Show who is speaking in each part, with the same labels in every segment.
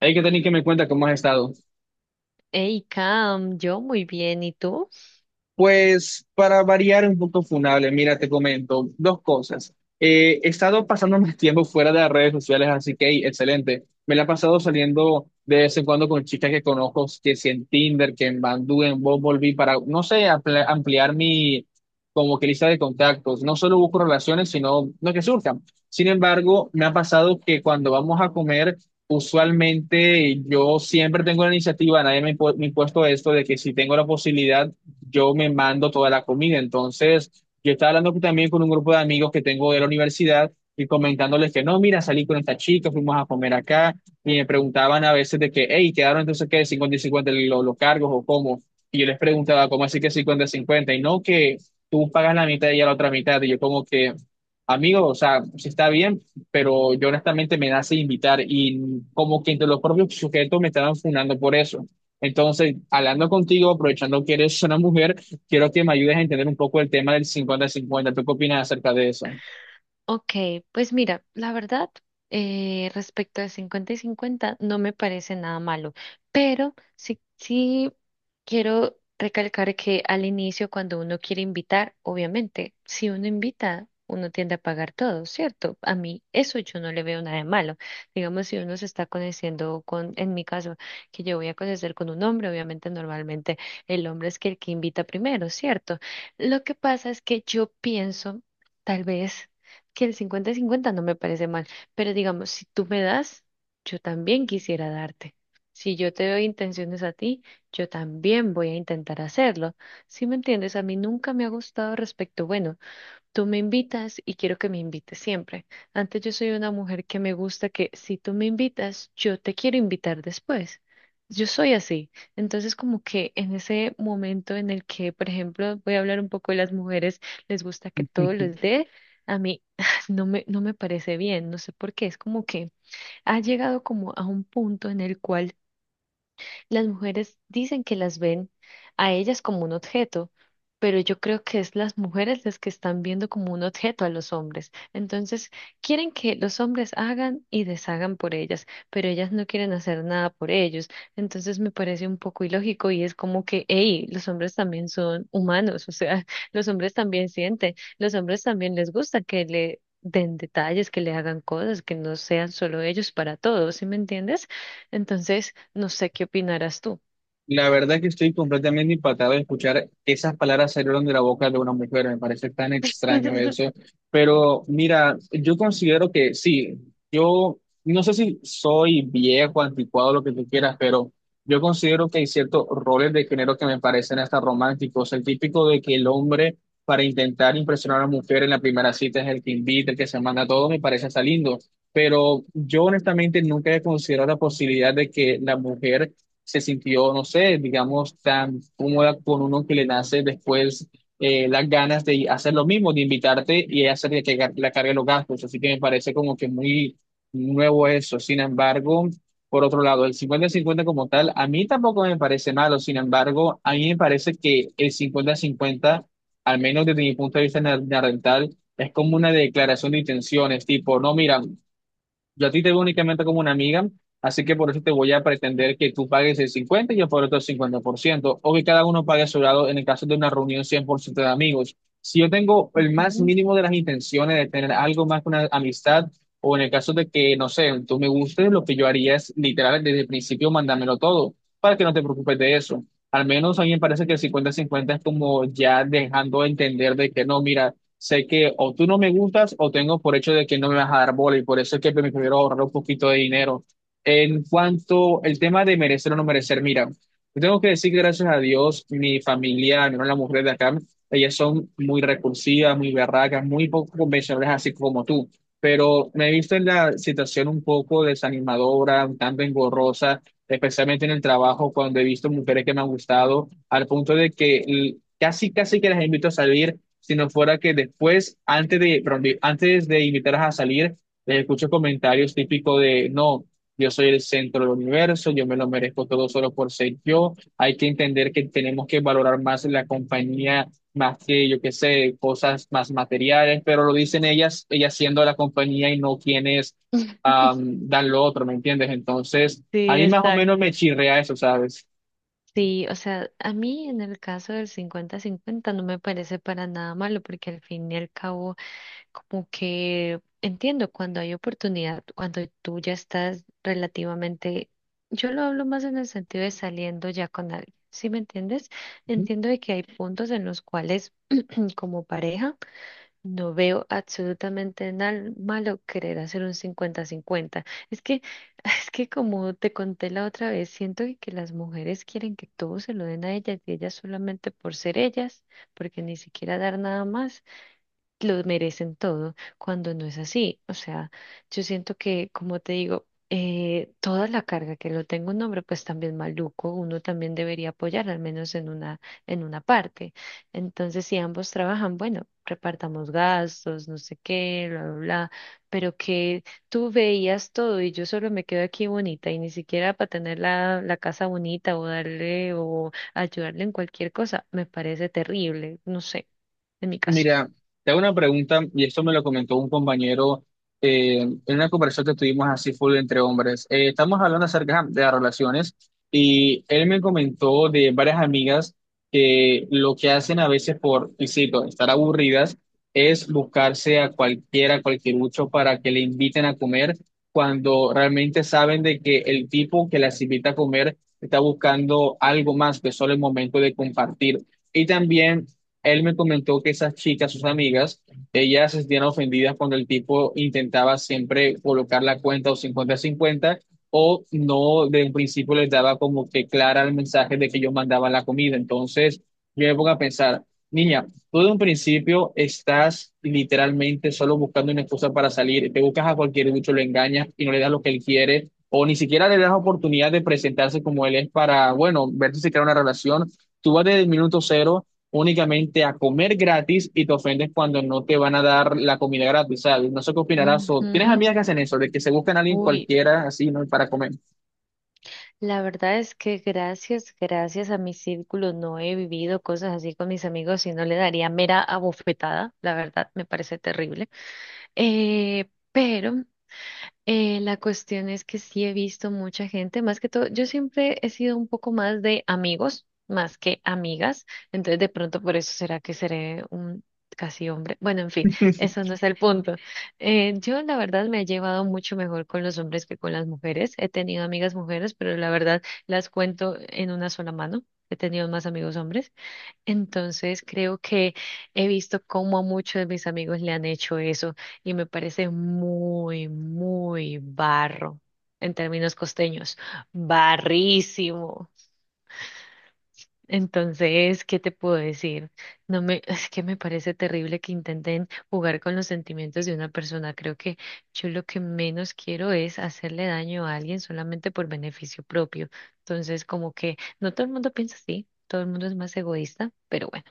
Speaker 1: Hay que tener que me cuenta cómo has estado.
Speaker 2: Hey, Cam, yo muy bien, ¿y tú?
Speaker 1: Pues para variar un poco funable, mira, te comento dos cosas. He estado pasando más tiempo fuera de las redes sociales, así que hey, excelente. Me la he pasado saliendo de vez en cuando con chicas que conozco, que si en Tinder, que en Bandú, en Bumble, para, no sé, ampliar mi como que lista de contactos. No solo busco relaciones, sino lo que surjan. Sin embargo, me ha pasado que cuando vamos a comer, usualmente yo siempre tengo la iniciativa, nadie me ha impuesto esto de que si tengo la posibilidad yo me mando toda la comida. Entonces, yo estaba hablando también con un grupo de amigos que tengo de la universidad y comentándoles que no, mira, salí con esta chica, fuimos a comer acá y me preguntaban a veces de que, hey, quedaron entonces que 50 y 50 los cargos o cómo. Y yo les preguntaba, ¿cómo así que 50 y cincuenta? Y no, que tú pagas la mitad y ella la otra mitad. Y yo como que, amigo, o sea, sí está bien, pero yo honestamente me nace invitar y como que entre los propios sujetos me estaban fundando por eso. Entonces, hablando contigo, aprovechando que eres una mujer, quiero que me ayudes a entender un poco el tema del 50-50. ¿Tú qué opinas acerca de eso?
Speaker 2: Ok, pues mira, la verdad, respecto de 50 y 50 no me parece nada malo, pero sí quiero recalcar que al inicio, cuando uno quiere invitar, obviamente, si uno invita, uno tiende a pagar todo, ¿cierto? A mí eso yo no le veo nada de malo. Digamos, si uno se está conociendo con, en mi caso, que yo voy a conocer con un hombre, obviamente normalmente el hombre es que el que invita primero, ¿cierto? Lo que pasa es que yo pienso, tal vez que el 50-50 no me parece mal, pero digamos, si tú me das, yo también quisiera darte. Si yo te doy intenciones a ti, yo también voy a intentar hacerlo. Si me entiendes, a mí nunca me ha gustado respecto, bueno, tú me invitas y quiero que me invites siempre. Antes yo soy una mujer que me gusta que si tú me invitas, yo te quiero invitar después. Yo soy así. Entonces, como que en ese momento en el que, por ejemplo, voy a hablar un poco de las mujeres, les gusta que todo les dé, a mí no me parece bien, no sé por qué. Es como que ha llegado como a un punto en el cual las mujeres dicen que las ven a ellas como un objeto, pero yo creo que es las mujeres las que están viendo como un objeto a los hombres. Entonces, quieren que los hombres hagan y deshagan por ellas, pero ellas no quieren hacer nada por ellos. Entonces, me parece un poco ilógico y es como que, hey, los hombres también son humanos, o sea, los hombres también sienten, los hombres también les gusta que le den detalles, que le hagan cosas, que no sean solo ellos para todos, ¿sí me entiendes? Entonces, no sé qué opinarás tú.
Speaker 1: La verdad es que estoy completamente impactado de escuchar esas palabras salieron de la boca de una mujer. Me parece tan extraño eso. Pero mira, yo considero que sí, yo no sé si soy viejo, anticuado, lo que tú quieras, pero yo considero que hay ciertos roles de género que me parecen hasta románticos. El típico de que el hombre, para intentar impresionar a la mujer en la primera cita, es el que invita, el que se manda todo, me parece hasta lindo. Pero yo honestamente nunca he considerado la posibilidad de que la mujer se sintió, no sé, digamos, tan cómoda con uno que le nace después las ganas de hacer lo mismo, de invitarte y hacer que la cargue los gastos. Así que me parece como que muy nuevo eso. Sin embargo, por otro lado, el cincuenta-cincuenta como tal, a mí tampoco me parece malo. Sin embargo, a mí me parece que el cincuenta-cincuenta, al menos desde mi punto de vista narrental, es como una declaración de intenciones, tipo, no, mira, yo a ti te veo únicamente como una amiga, así que por eso te voy a pretender que tú pagues el 50 y yo por otro 50%, o que cada uno pague a su lado en el caso de una reunión 100% de amigos. Si yo tengo el más
Speaker 2: Ujú.
Speaker 1: mínimo de las intenciones de tener algo más que una amistad, o en el caso de que, no sé, tú me gustes, lo que yo haría es literal desde el principio mandármelo todo, para que no te preocupes de eso. Al menos a mí me parece que el cincuenta 50 es como ya dejando entender de que no, mira, sé que o tú no me gustas o tengo por hecho de que no me vas a dar bola y por eso es que me prefiero ahorrar un poquito de dinero. En cuanto al tema de merecer o no merecer, mira, yo tengo que decir que gracias a Dios, mi familia, mi la mujer de acá, ellas son muy recursivas, muy berracas, muy poco convencionales, así como tú. Pero me he visto en la situación un poco desanimadora, un tanto engorrosa, especialmente en el trabajo, cuando he visto mujeres que me han gustado, al punto de que casi, casi que las invito a salir si no fuera que después, antes de, perdón, antes de invitarlas a salir, les escucho comentarios típicos de, no, yo soy el centro del universo, yo me lo merezco todo solo por ser yo, hay que entender que tenemos que valorar más la compañía, más que, yo qué sé, cosas más materiales, pero lo dicen ellas, ellas siendo la compañía y no quienes dan lo otro, ¿me entiendes? Entonces, a
Speaker 2: Sí,
Speaker 1: mí más o menos me
Speaker 2: exacto.
Speaker 1: chirrea eso, ¿sabes?
Speaker 2: Sí, o sea, a mí en el caso del cincuenta-cincuenta no me parece para nada malo porque al fin y al cabo como que entiendo cuando hay oportunidad, cuando tú ya estás relativamente, yo lo hablo más en el sentido de saliendo ya con alguien, ¿sí me entiendes? Entiendo de que hay puntos en los cuales como pareja. No veo absolutamente nada malo querer hacer un 50-50. Es que, es que como te conté la otra vez, siento que las mujeres quieren que todo se lo den a ellas y ellas solamente por ser ellas, porque ni siquiera dar nada más, lo merecen todo, cuando no es así. O sea, yo siento que, como te digo, toda la carga que lo tenga un hombre, pues también maluco, uno también debería apoyar, al menos en una parte. Entonces, si ambos trabajan, bueno, repartamos gastos, no sé qué, bla, bla, bla, pero que tú veías todo y yo solo me quedo aquí bonita y ni siquiera para tener la casa bonita o darle o ayudarle en cualquier cosa, me parece terrible, no sé, en mi caso.
Speaker 1: Mira, te hago una pregunta y esto me lo comentó un compañero en una conversación que tuvimos así full entre hombres. Estamos hablando acerca de las relaciones y él me comentó de varias amigas que lo que hacen a veces por, y cito, estar aburridas es buscarse a cualquiera, cualquier ucho para que le inviten a comer cuando realmente saben de que el tipo que las invita a comer está buscando algo más que solo el momento de compartir. Y también él me comentó que esas chicas, sus amigas, ellas se sentían ofendidas cuando el tipo intentaba siempre colocar la cuenta o cincuenta a cincuenta o no, de un principio les daba como que clara el mensaje de que yo mandaba la comida. Entonces, yo me pongo a pensar, niña, tú de un principio estás literalmente solo buscando una excusa para salir, te buscas a cualquier bicho, lo engañas y no le das lo que él quiere. O ni siquiera le das oportunidad de presentarse como él es para, bueno, ver si se crea una relación. Tú vas desde el minuto cero únicamente a comer gratis y te ofendes cuando no te van a dar la comida gratis, ¿sabes? No sé qué opinarás. O, ¿tienes
Speaker 2: Ujú.
Speaker 1: amigas que hacen eso, de que se buscan a alguien
Speaker 2: Uy,
Speaker 1: cualquiera así, ¿no? Para comer?
Speaker 2: la verdad es que gracias a mi círculo no he vivido cosas así con mis amigos y no le daría mera abofetada, la verdad me parece terrible. Pero la cuestión es que sí he visto mucha gente, más que todo, yo siempre he sido un poco más de amigos, más que amigas, entonces de pronto por eso será que seré un casi hombre. Bueno, en fin, eso no es el punto. Yo la verdad me he llevado mucho mejor con los hombres que con las mujeres. He tenido amigas mujeres, pero la verdad las cuento en una sola mano. He tenido más amigos hombres. Entonces creo que he visto cómo a muchos de mis amigos le han hecho eso y me parece muy, muy barro en términos costeños, barrísimo. Entonces, ¿qué te puedo decir? No me, es que me parece terrible que intenten jugar con los sentimientos de una persona. Creo que yo lo que menos quiero es hacerle daño a alguien solamente por beneficio propio. Entonces, como que no todo el mundo piensa así, todo el mundo es más egoísta, pero bueno.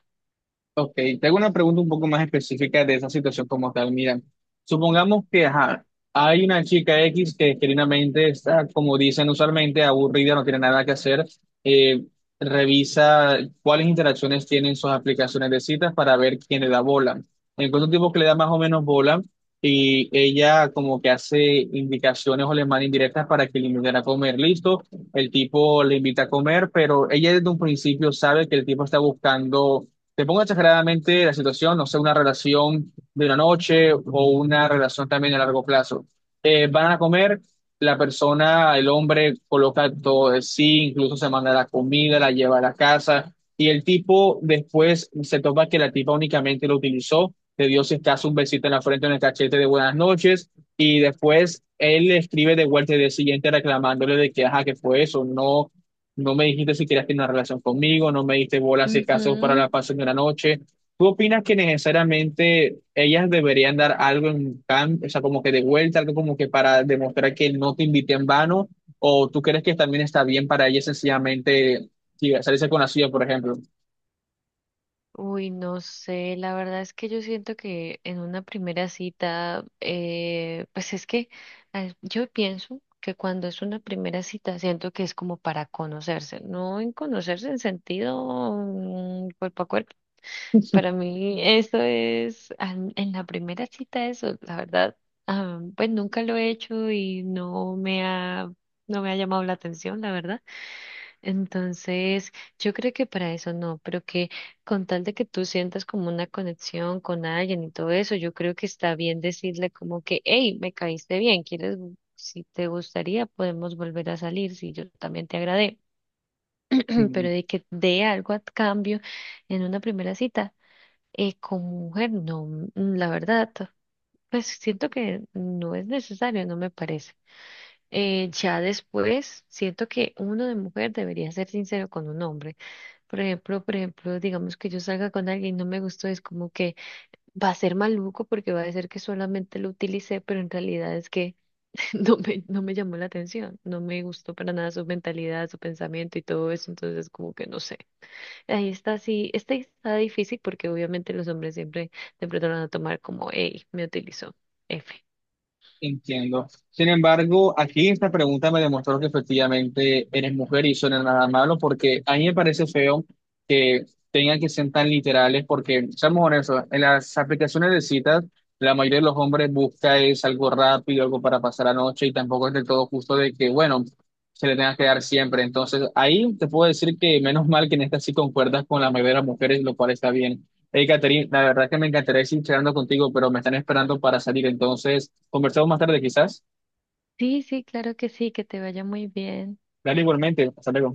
Speaker 1: Ok, te hago una pregunta un poco más específica de esa situación como tal. Mira, supongamos que ajá, hay una chica X que genuinamente está, como dicen usualmente, aburrida, no tiene nada que hacer. eh, Revisa cuáles interacciones tienen sus aplicaciones de citas para ver quién le da bola. Encuentra un tipo que le da más o menos bola y ella como que hace indicaciones o le manda indirectas para que le inviten a comer. Listo, el tipo le invita a comer, pero ella desde un principio sabe que el tipo está buscando, te pongo exageradamente la situación, no sé, una relación de una noche o una relación también a largo plazo. Van a comer, la persona, el hombre, coloca todo de sí, incluso se manda la comida, la lleva a la casa, y el tipo después se topa que la tipa únicamente lo utilizó, le dio si acaso un besito en la frente, en el cachete de buenas noches, y después él le escribe de vuelta el día siguiente reclamándole de que, ajá, que fue eso, no me dijiste si querías tener una relación conmigo, no me diste bolas si acaso para
Speaker 2: Ujú.
Speaker 1: la pasión de la noche. ¿Tú opinas que necesariamente ellas deberían dar algo en cambio, o sea, como que de vuelta, algo como que para demostrar que no te invité en vano? ¿O tú crees que también está bien para ellas sencillamente sí, salirse con la suya, por ejemplo?
Speaker 2: Uy, no sé, la verdad es que yo siento que en una primera cita, pues es que yo pienso que cuando es una primera cita, siento que es como para conocerse, no en conocerse en sentido cuerpo a cuerpo. Para mí eso es, en la primera cita eso, la verdad, ah, pues nunca lo he hecho y no me ha llamado la atención, la verdad. Entonces, yo creo que para eso no, pero que con tal de que tú sientas como una conexión con alguien y todo eso, yo creo que está bien decirle como que, hey, me caíste bien, quieres, si te gustaría, podemos volver a salir, si yo también te agradé, pero de que dé algo a cambio en una primera cita, como mujer, no, mm, mm, la verdad, pues siento que no es necesario, no me parece. Ya después, siento que uno de mujer debería ser sincero con un hombre. Por ejemplo, digamos que yo salga con alguien y no me gustó, es como que va a ser maluco porque va a decir que solamente lo utilicé, pero en realidad es que no me llamó la atención, no me gustó para nada su mentalidad, su pensamiento y todo eso, entonces como que no sé. Ahí está, sí, este está difícil porque obviamente los hombres siempre te pronto lo van a tomar como, hey, me utilizó, F.
Speaker 1: Entiendo. Sin embargo, aquí esta pregunta me demostró que efectivamente eres mujer y eso no es nada malo, porque a mí me parece feo que tengan que ser tan literales, porque seamos honestos, en las aplicaciones de citas, la mayoría de los hombres busca es algo rápido, algo para pasar la noche, y tampoco es del todo justo de que, bueno, se le tenga que dar siempre. Entonces, ahí te puedo decir que menos mal que en esta sí concuerdas con la mayoría de las mujeres, lo cual está bien. Hey, Catherine, la verdad es que me encantaría seguir charlando contigo, pero me están esperando para salir, entonces conversamos más tarde quizás.
Speaker 2: Sí, sí, claro que sí, que te vaya muy bien.
Speaker 1: Dale igualmente, hasta luego.